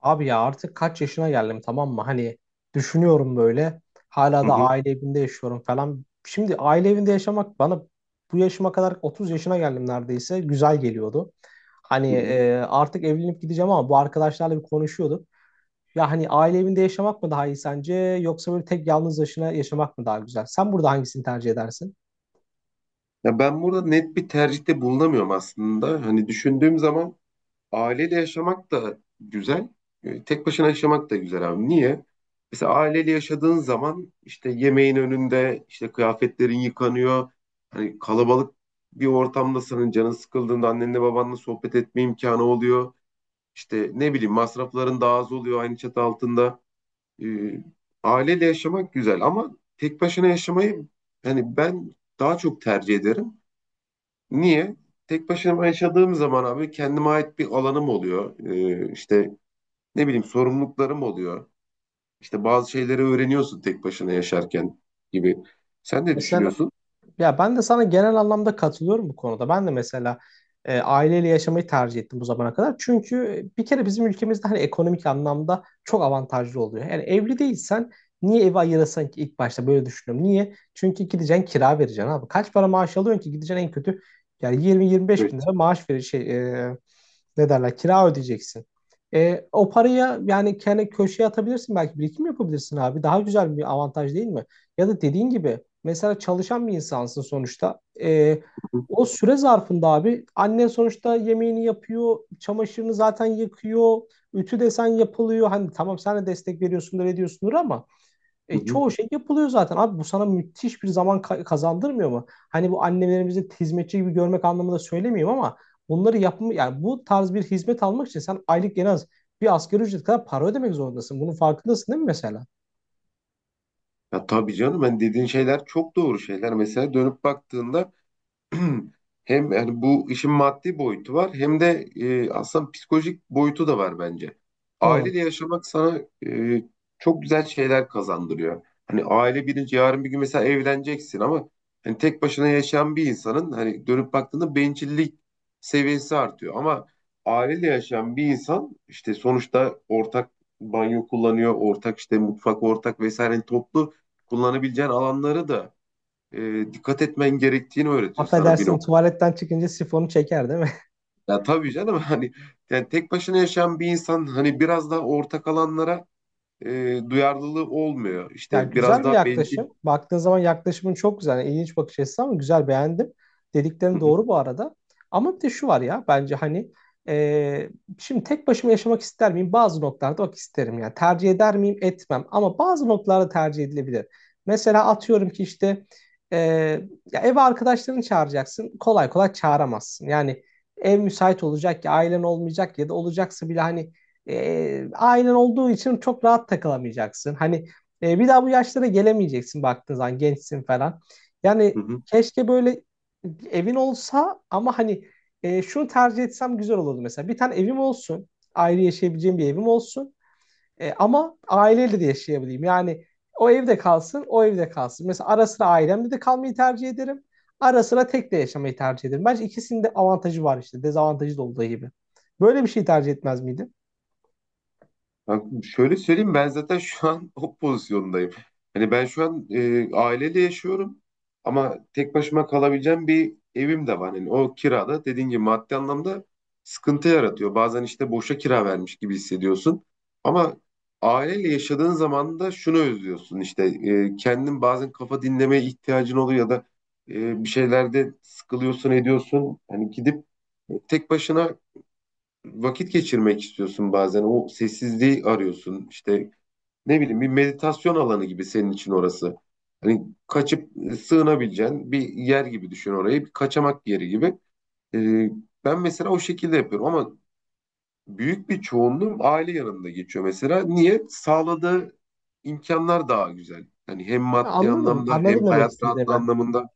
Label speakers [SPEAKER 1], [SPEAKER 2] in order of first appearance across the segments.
[SPEAKER 1] Abi ya artık kaç yaşına geldim tamam mı? Hani düşünüyorum böyle. Hala
[SPEAKER 2] Hı
[SPEAKER 1] da
[SPEAKER 2] hı,
[SPEAKER 1] aile evinde yaşıyorum falan. Şimdi aile evinde yaşamak bana bu yaşıma kadar 30 yaşına geldim neredeyse. Güzel geliyordu. Hani
[SPEAKER 2] hı hı.
[SPEAKER 1] artık evlenip gideceğim ama bu arkadaşlarla bir konuşuyorduk. Ya hani aile evinde yaşamak mı daha iyi sence yoksa böyle tek yalnız başına yaşamak mı daha güzel? Sen burada hangisini tercih edersin?
[SPEAKER 2] Ya ben burada net bir tercihte bulunamıyorum aslında. Hani düşündüğüm zaman aileyle yaşamak da güzel, tek başına yaşamak da güzel abi. Niye? Mesela aileyle yaşadığın zaman işte yemeğin önünde, işte kıyafetlerin yıkanıyor. Hani kalabalık bir ortamda senin canın sıkıldığında annenle babanla sohbet etme imkanı oluyor. İşte ne bileyim masrafların daha az oluyor aynı çatı altında. E, Aileyle yaşamak güzel ama tek başına yaşamayı hani ben daha çok tercih ederim. Niye? Tek başıma yaşadığım zaman abi kendime ait bir alanım oluyor. İşte ne bileyim sorumluluklarım oluyor. İşte bazı şeyleri öğreniyorsun tek başına yaşarken gibi. Sen ne düşünüyorsun?
[SPEAKER 1] Ya ben de sana genel anlamda katılıyorum bu konuda. Ben de mesela aileyle yaşamayı tercih ettim bu zamana kadar. Çünkü bir kere bizim ülkemizde hani ekonomik anlamda çok avantajlı oluyor. Yani evli değilsen niye evi ayırasın ki ilk başta böyle düşünüyorum. Niye? Çünkü gideceksin kira vereceksin abi. Kaç para maaş alıyorsun ki gideceksin en kötü yani 20-25 bin
[SPEAKER 2] Evet.
[SPEAKER 1] lira maaş verir şey e, ne derler kira ödeyeceksin. E, o paraya yani kendi köşeye atabilirsin belki birikim yapabilirsin abi. Daha güzel bir avantaj değil mi? Ya da dediğin gibi mesela çalışan bir insansın sonuçta. E,
[SPEAKER 2] Hı hı.
[SPEAKER 1] o süre zarfında abi annen sonuçta yemeğini yapıyor, çamaşırını zaten yıkıyor, ütü desen yapılıyor. Hani tamam sen de destek veriyorsundur ediyorsundur ama
[SPEAKER 2] Hı hı.
[SPEAKER 1] çoğu şey yapılıyor zaten. Abi bu sana müthiş bir zaman kazandırmıyor mu? Hani bu annelerimizi hizmetçi gibi görmek anlamında söylemiyorum ama bunları yapma yani bu tarz bir hizmet almak için sen aylık en az bir asgari ücret kadar para ödemek zorundasın. Bunun farkındasın değil mi mesela?
[SPEAKER 2] Ya tabii canım ben dediğin şeyler çok doğru şeyler. Mesela dönüp baktığında hem yani bu işin maddi boyutu var hem de aslında psikolojik boyutu da var bence.
[SPEAKER 1] Hı.
[SPEAKER 2] Aileyle yaşamak sana e, çok güzel şeyler kazandırıyor. Hani aile birinci yarın bir gün mesela evleneceksin ama hani tek başına yaşayan bir insanın hani dönüp baktığında bencillik seviyesi artıyor. Ama aileyle yaşayan bir insan işte sonuçta ortak banyo kullanıyor, ortak işte mutfak ortak vesaire hani toplu kullanabileceğin alanları da dikkat etmen gerektiğini öğretiyor sana bir
[SPEAKER 1] Affedersin
[SPEAKER 2] noktada.
[SPEAKER 1] tuvaletten çıkınca sifonu çeker değil mi?
[SPEAKER 2] Ya tabii canım hani yani tek başına yaşayan bir insan hani biraz daha ortak alanlara duyarlılığı olmuyor.
[SPEAKER 1] Ya
[SPEAKER 2] İşte biraz
[SPEAKER 1] güzel bir
[SPEAKER 2] daha bencil.
[SPEAKER 1] yaklaşım. Baktığın zaman yaklaşımın çok güzel. Yani ilginç bakış açısı ama güzel beğendim.
[SPEAKER 2] Hı
[SPEAKER 1] Dediklerin
[SPEAKER 2] hı,
[SPEAKER 1] doğru bu arada. Ama bir de şu var ya bence hani e, şimdi tek başıma yaşamak ister miyim? Bazı noktalarda bak isterim yani. Tercih eder miyim? Etmem. Ama bazı noktalarda tercih edilebilir. Mesela atıyorum ki işte e, ya eve arkadaşlarını çağıracaksın. Kolay kolay çağıramazsın. Yani ev müsait olacak ya ailen olmayacak ya da olacaksa bile hani ailen olduğu için çok rahat takılamayacaksın. Hani bir daha bu yaşlara gelemeyeceksin baktığın zaman gençsin falan.
[SPEAKER 2] hı
[SPEAKER 1] Yani
[SPEAKER 2] hı.
[SPEAKER 1] keşke böyle evin olsa ama hani şunu tercih etsem güzel olurdu mesela. Bir tane evim olsun. Ayrı yaşayabileceğim bir evim olsun. E, ama aileyle de yaşayabileyim. Yani o evde kalsın, o evde kalsın. Mesela ara sıra ailemle de kalmayı tercih ederim. Ara sıra tek de yaşamayı tercih ederim. Bence ikisinin de avantajı var işte. Dezavantajı da olduğu gibi. Böyle bir şey tercih etmez miydin?
[SPEAKER 2] Kanka şöyle söyleyeyim ben zaten şu an o pozisyondayım. Hani ben şu an aileyle yaşıyorum ama tek başıma kalabileceğim bir evim de var. Hani o kirada dediğin gibi maddi anlamda sıkıntı yaratıyor. Bazen işte boşa kira vermiş gibi hissediyorsun. Ama aileyle yaşadığın zaman da şunu özlüyorsun işte kendin bazen kafa dinlemeye ihtiyacın oluyor ya da bir şeylerde sıkılıyorsun ediyorsun. Hani gidip tek başına vakit geçirmek istiyorsun bazen. O sessizliği arıyorsun. İşte ne bileyim bir meditasyon alanı gibi senin için orası. Hani kaçıp sığınabileceğin bir yer gibi düşün orayı. Bir kaçamak yeri gibi. Ee, Ben mesela o şekilde yapıyorum ama büyük bir çoğunluğum aile yanımda geçiyor mesela. Niye? Sağladığı imkanlar daha güzel. Hani hem
[SPEAKER 1] Ya
[SPEAKER 2] maddi
[SPEAKER 1] anladım.
[SPEAKER 2] anlamda hem
[SPEAKER 1] Anladım demek
[SPEAKER 2] hayat
[SPEAKER 1] istediğini
[SPEAKER 2] rahatlığı
[SPEAKER 1] ben.
[SPEAKER 2] anlamında.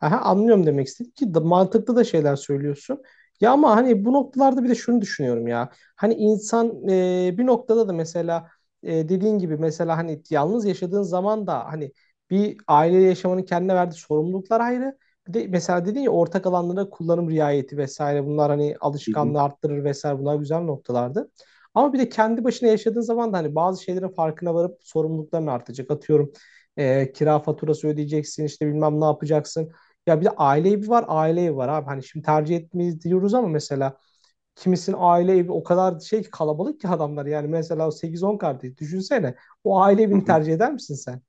[SPEAKER 1] Aha, anlıyorum demek istedim ki mantıklı da şeyler söylüyorsun. Ya ama hani bu noktalarda bir de şunu düşünüyorum ya. Hani insan bir noktada da mesela dediğin gibi mesela hani yalnız yaşadığın zaman da hani bir aile yaşamanın kendine verdiği sorumluluklar ayrı. Bir de mesela dedin ya ortak alanlara kullanım riayeti vesaire bunlar hani
[SPEAKER 2] Hı hı,
[SPEAKER 1] alışkanlığı arttırır vesaire bunlar güzel noktalardı. Ama bir de kendi başına yaşadığın zaman da hani bazı şeylerin farkına varıp sorumlulukların artacak. Atıyorum kira faturası ödeyeceksin işte bilmem ne yapacaksın. Ya bir de aile evi var, aile evi var abi. Hani şimdi tercih etmeyiz diyoruz ama mesela kimisinin aile evi o kadar şey ki kalabalık ki adamlar. Yani mesela sekiz on kardeş düşünsene. O aile
[SPEAKER 2] hı
[SPEAKER 1] evini
[SPEAKER 2] hı.
[SPEAKER 1] tercih eder misin sen?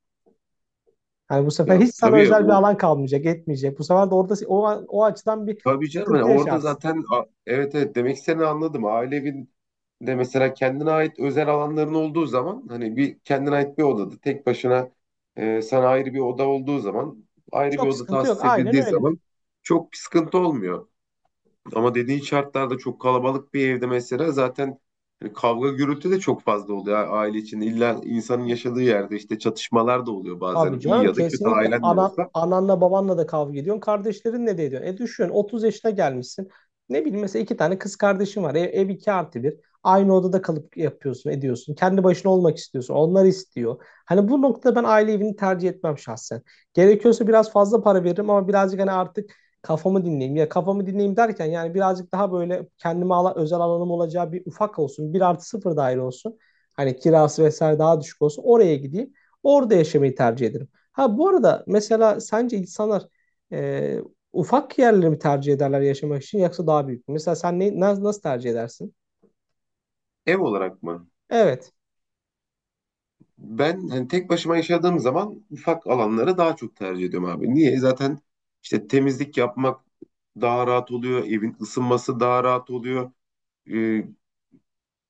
[SPEAKER 1] Yani bu sefer
[SPEAKER 2] Ya
[SPEAKER 1] hiç sana
[SPEAKER 2] tabii
[SPEAKER 1] özel bir
[SPEAKER 2] o
[SPEAKER 1] alan kalmayacak, etmeyecek. Bu sefer de orada o açıdan bir
[SPEAKER 2] Tabii canım hani
[SPEAKER 1] sıkıntı
[SPEAKER 2] orada
[SPEAKER 1] yaşarsın.
[SPEAKER 2] zaten a- evet evet demek istediğini anladım. Aile evinde mesela kendine ait özel alanların olduğu zaman hani bir kendine ait bir odada tek başına sana ayrı bir oda olduğu zaman ayrı bir
[SPEAKER 1] Çok
[SPEAKER 2] oda
[SPEAKER 1] sıkıntı yok.
[SPEAKER 2] tahsis
[SPEAKER 1] Aynen
[SPEAKER 2] edildiği
[SPEAKER 1] öyle.
[SPEAKER 2] zaman çok bir sıkıntı olmuyor. Ama dediğin şartlarda çok kalabalık bir evde mesela zaten hani kavga gürültü de çok fazla oluyor aile içinde. İlla insanın yaşadığı yerde işte çatışmalar da oluyor
[SPEAKER 1] Tabii
[SPEAKER 2] bazen iyi
[SPEAKER 1] canım
[SPEAKER 2] ya da kötü
[SPEAKER 1] kesinlikle
[SPEAKER 2] ailen de olsa.
[SPEAKER 1] ananla babanla da kavga ediyorsun. Kardeşlerinle de ediyorsun. E düşün 30 yaşına gelmişsin. Ne bileyim mesela iki tane kız kardeşin var. Ev 2+1. Aynı odada kalıp yapıyorsun, ediyorsun. Kendi başına olmak istiyorsun. Onlar istiyor. Hani bu noktada ben aile evini tercih etmem şahsen. Gerekiyorsa biraz fazla para veririm ama birazcık hani artık kafamı dinleyeyim. Ya kafamı dinleyeyim derken yani birazcık daha böyle kendime özel alanım olacağı bir ufak olsun. 1+0 daire olsun. Hani kirası vesaire daha düşük olsun. Oraya gideyim. Orada yaşamayı tercih ederim. Ha bu arada mesela sence insanlar e, ufak yerleri mi tercih ederler yaşamak için yoksa daha büyük mü? Mesela sen nasıl tercih edersin?
[SPEAKER 2] Ev olarak mı?
[SPEAKER 1] Evet.
[SPEAKER 2] Ben hani tek başıma yaşadığım zaman ufak alanları daha çok tercih ediyorum abi. Niye? Zaten işte temizlik yapmak daha rahat oluyor. Evin ısınması daha rahat oluyor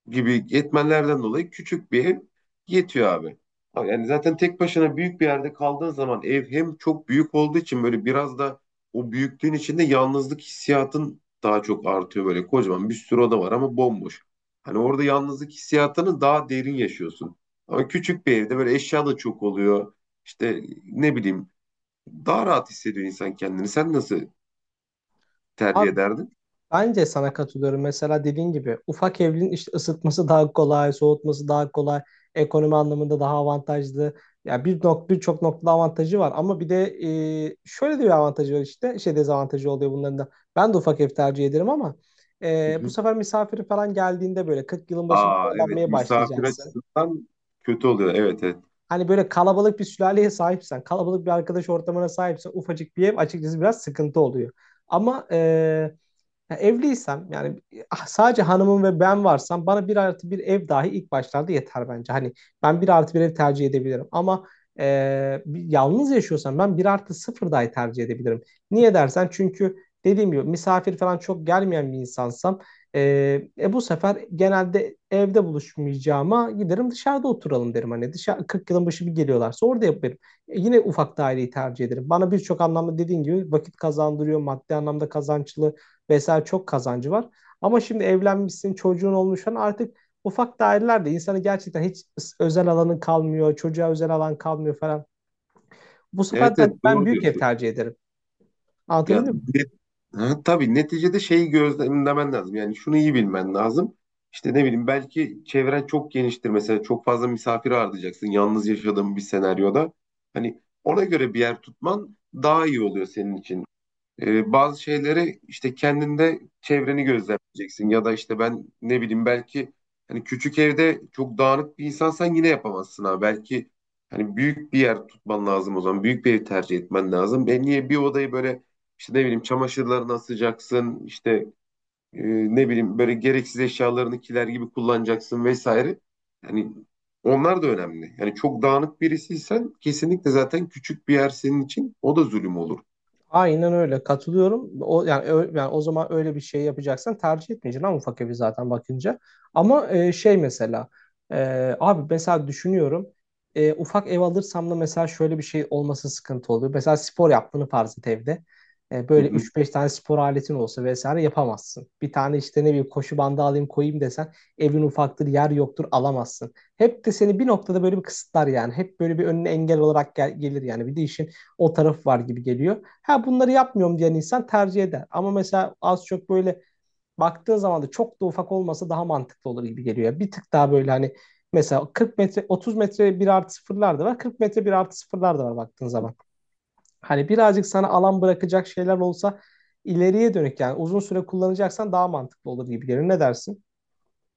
[SPEAKER 2] gibi etmenlerden dolayı küçük bir ev yetiyor abi. Yani zaten tek başına büyük bir yerde kaldığın zaman ev hem çok büyük olduğu için böyle biraz da o büyüklüğün içinde yalnızlık hissiyatın daha çok artıyor, böyle kocaman bir sürü oda var ama bomboş. Hani orada yalnızlık hissiyatını daha derin yaşıyorsun. Ama küçük bir evde böyle eşya da çok oluyor. İşte ne bileyim daha rahat hissediyor insan kendini. Sen nasıl tercih ederdin?
[SPEAKER 1] Bence sana katılıyorum. Mesela dediğin gibi ufak evlerin işte ısıtması daha kolay, soğutması daha kolay, ekonomi anlamında daha avantajlı. Ya birçok noktada avantajı var ama bir de şöyle de bir avantajı var işte. Şey dezavantajı oluyor bunların da. Ben de ufak ev tercih ederim ama
[SPEAKER 2] Hı
[SPEAKER 1] bu
[SPEAKER 2] hı.
[SPEAKER 1] sefer misafiri falan geldiğinde böyle 40 yılın başı bir
[SPEAKER 2] Aa, evet,
[SPEAKER 1] zorlanmaya
[SPEAKER 2] misafir
[SPEAKER 1] başlayacaksın.
[SPEAKER 2] açısından kötü oluyor. Evet, evet.
[SPEAKER 1] Hani böyle kalabalık bir sülaleye sahipsen, kalabalık bir arkadaş ortamına sahipsen ufacık bir ev açıkçası biraz sıkıntı oluyor. Ama ya evliysem yani sadece hanımım ve ben varsam bana 1+1 ev dahi ilk başlarda yeter bence. Hani ben 1+1 ev tercih edebilirim ama e, yalnız yaşıyorsam ben 1+0 dahi tercih edebilirim. Niye dersen çünkü dediğim gibi misafir falan çok gelmeyen bir insansam e, bu sefer genelde evde buluşmayacağıma giderim dışarıda oturalım derim. Hani dışarı 40 yılın başı bir geliyorlarsa orada yaparım. E, yine ufak daireyi tercih ederim. Bana birçok anlamda dediğin gibi vakit kazandırıyor, maddi anlamda kazançlı vesaire çok kazancı var. Ama şimdi evlenmişsin, çocuğun olmuş falan artık ufak dairelerde insanı gerçekten hiç özel alanın kalmıyor, çocuğa özel alan kalmıyor falan. Bu sefer de
[SPEAKER 2] Evet, evet,
[SPEAKER 1] hani ben
[SPEAKER 2] doğru
[SPEAKER 1] büyük ev
[SPEAKER 2] diyorsun.
[SPEAKER 1] tercih ederim.
[SPEAKER 2] Ya
[SPEAKER 1] Anlatabiliyor muyum?
[SPEAKER 2] net, ha, tabii neticede şeyi gözlemlemen lazım. Yani şunu iyi bilmen lazım. İşte ne bileyim belki çevren çok geniştir, mesela çok fazla misafir ağırlayacaksın yalnız yaşadığın bir senaryoda. Hani ona göre bir yer tutman daha iyi oluyor senin için. Bazı şeyleri işte kendinde çevreni gözlemleyeceksin ya da işte ben ne bileyim belki hani küçük evde çok dağınık bir insansan yine yapamazsın ha. Belki hani büyük bir yer tutman lazım o zaman. Büyük bir ev tercih etmen lazım. Ben niye bir odayı böyle işte ne bileyim çamaşırlarını asacaksın, işte e, ne bileyim böyle gereksiz eşyalarını kiler gibi kullanacaksın vesaire. Yani onlar da önemli. Yani çok dağınık birisiysen kesinlikle zaten küçük bir yer senin için o da zulüm olur.
[SPEAKER 1] Aynen öyle katılıyorum. O yani yani o zaman öyle bir şey yapacaksan tercih etmeyeceksin ama ufak evi zaten bakınca. Ama şey mesela abi mesela düşünüyorum ufak ev alırsam da mesela şöyle bir şey olması sıkıntı oluyor. Mesela spor yaptığını farz et evde. E,
[SPEAKER 2] Hı
[SPEAKER 1] böyle
[SPEAKER 2] hı.
[SPEAKER 1] üç beş tane spor aletin olsa vesaire yapamazsın. Bir tane işte ne bileyim koşu bandı alayım koyayım desen evin ufaktır yer yoktur alamazsın. Hep de seni bir noktada böyle bir kısıtlar yani. Hep böyle bir önüne engel olarak gelir yani. Bir de işin o tarafı var gibi geliyor. Ha bunları yapmıyorum diyen insan tercih eder. Ama mesela az çok böyle baktığın zaman da çok da ufak olmasa daha mantıklı olur gibi geliyor. Bir tık daha böyle hani mesela 40 metre 30 metre 1+0'lar da var. 40 metre 1+0'lar da var baktığın zaman. Hani birazcık sana alan bırakacak şeyler olsa ileriye dönük yani uzun süre kullanacaksan daha mantıklı olur gibi geliyor. Ne dersin?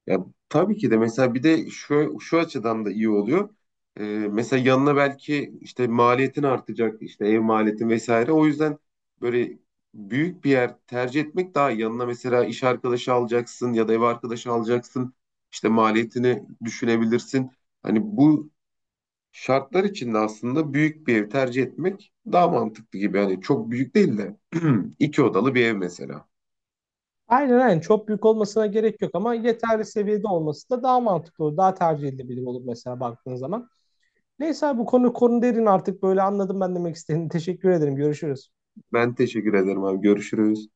[SPEAKER 2] Ya tabii ki de mesela bir de şu açıdan da iyi oluyor. Ee, Mesela yanına belki işte maliyetin artacak, işte ev maliyetin vesaire. O yüzden böyle büyük bir yer tercih etmek daha iyi. Yanına mesela iş arkadaşı alacaksın ya da ev arkadaşı alacaksın. İşte maliyetini düşünebilirsin. Hani bu şartlar içinde aslında büyük bir ev tercih etmek daha mantıklı gibi. Yani çok büyük değil de iki odalı bir ev mesela.
[SPEAKER 1] Aynen aynen çok büyük olmasına gerek yok ama yeterli seviyede olması da daha mantıklı olur. Daha tercih edilebilir olur mesela baktığın zaman. Neyse abi bu konu konu derin artık böyle anladım ben demek istediğini. Teşekkür ederim. Görüşürüz.
[SPEAKER 2] Ben teşekkür ederim abi. Görüşürüz.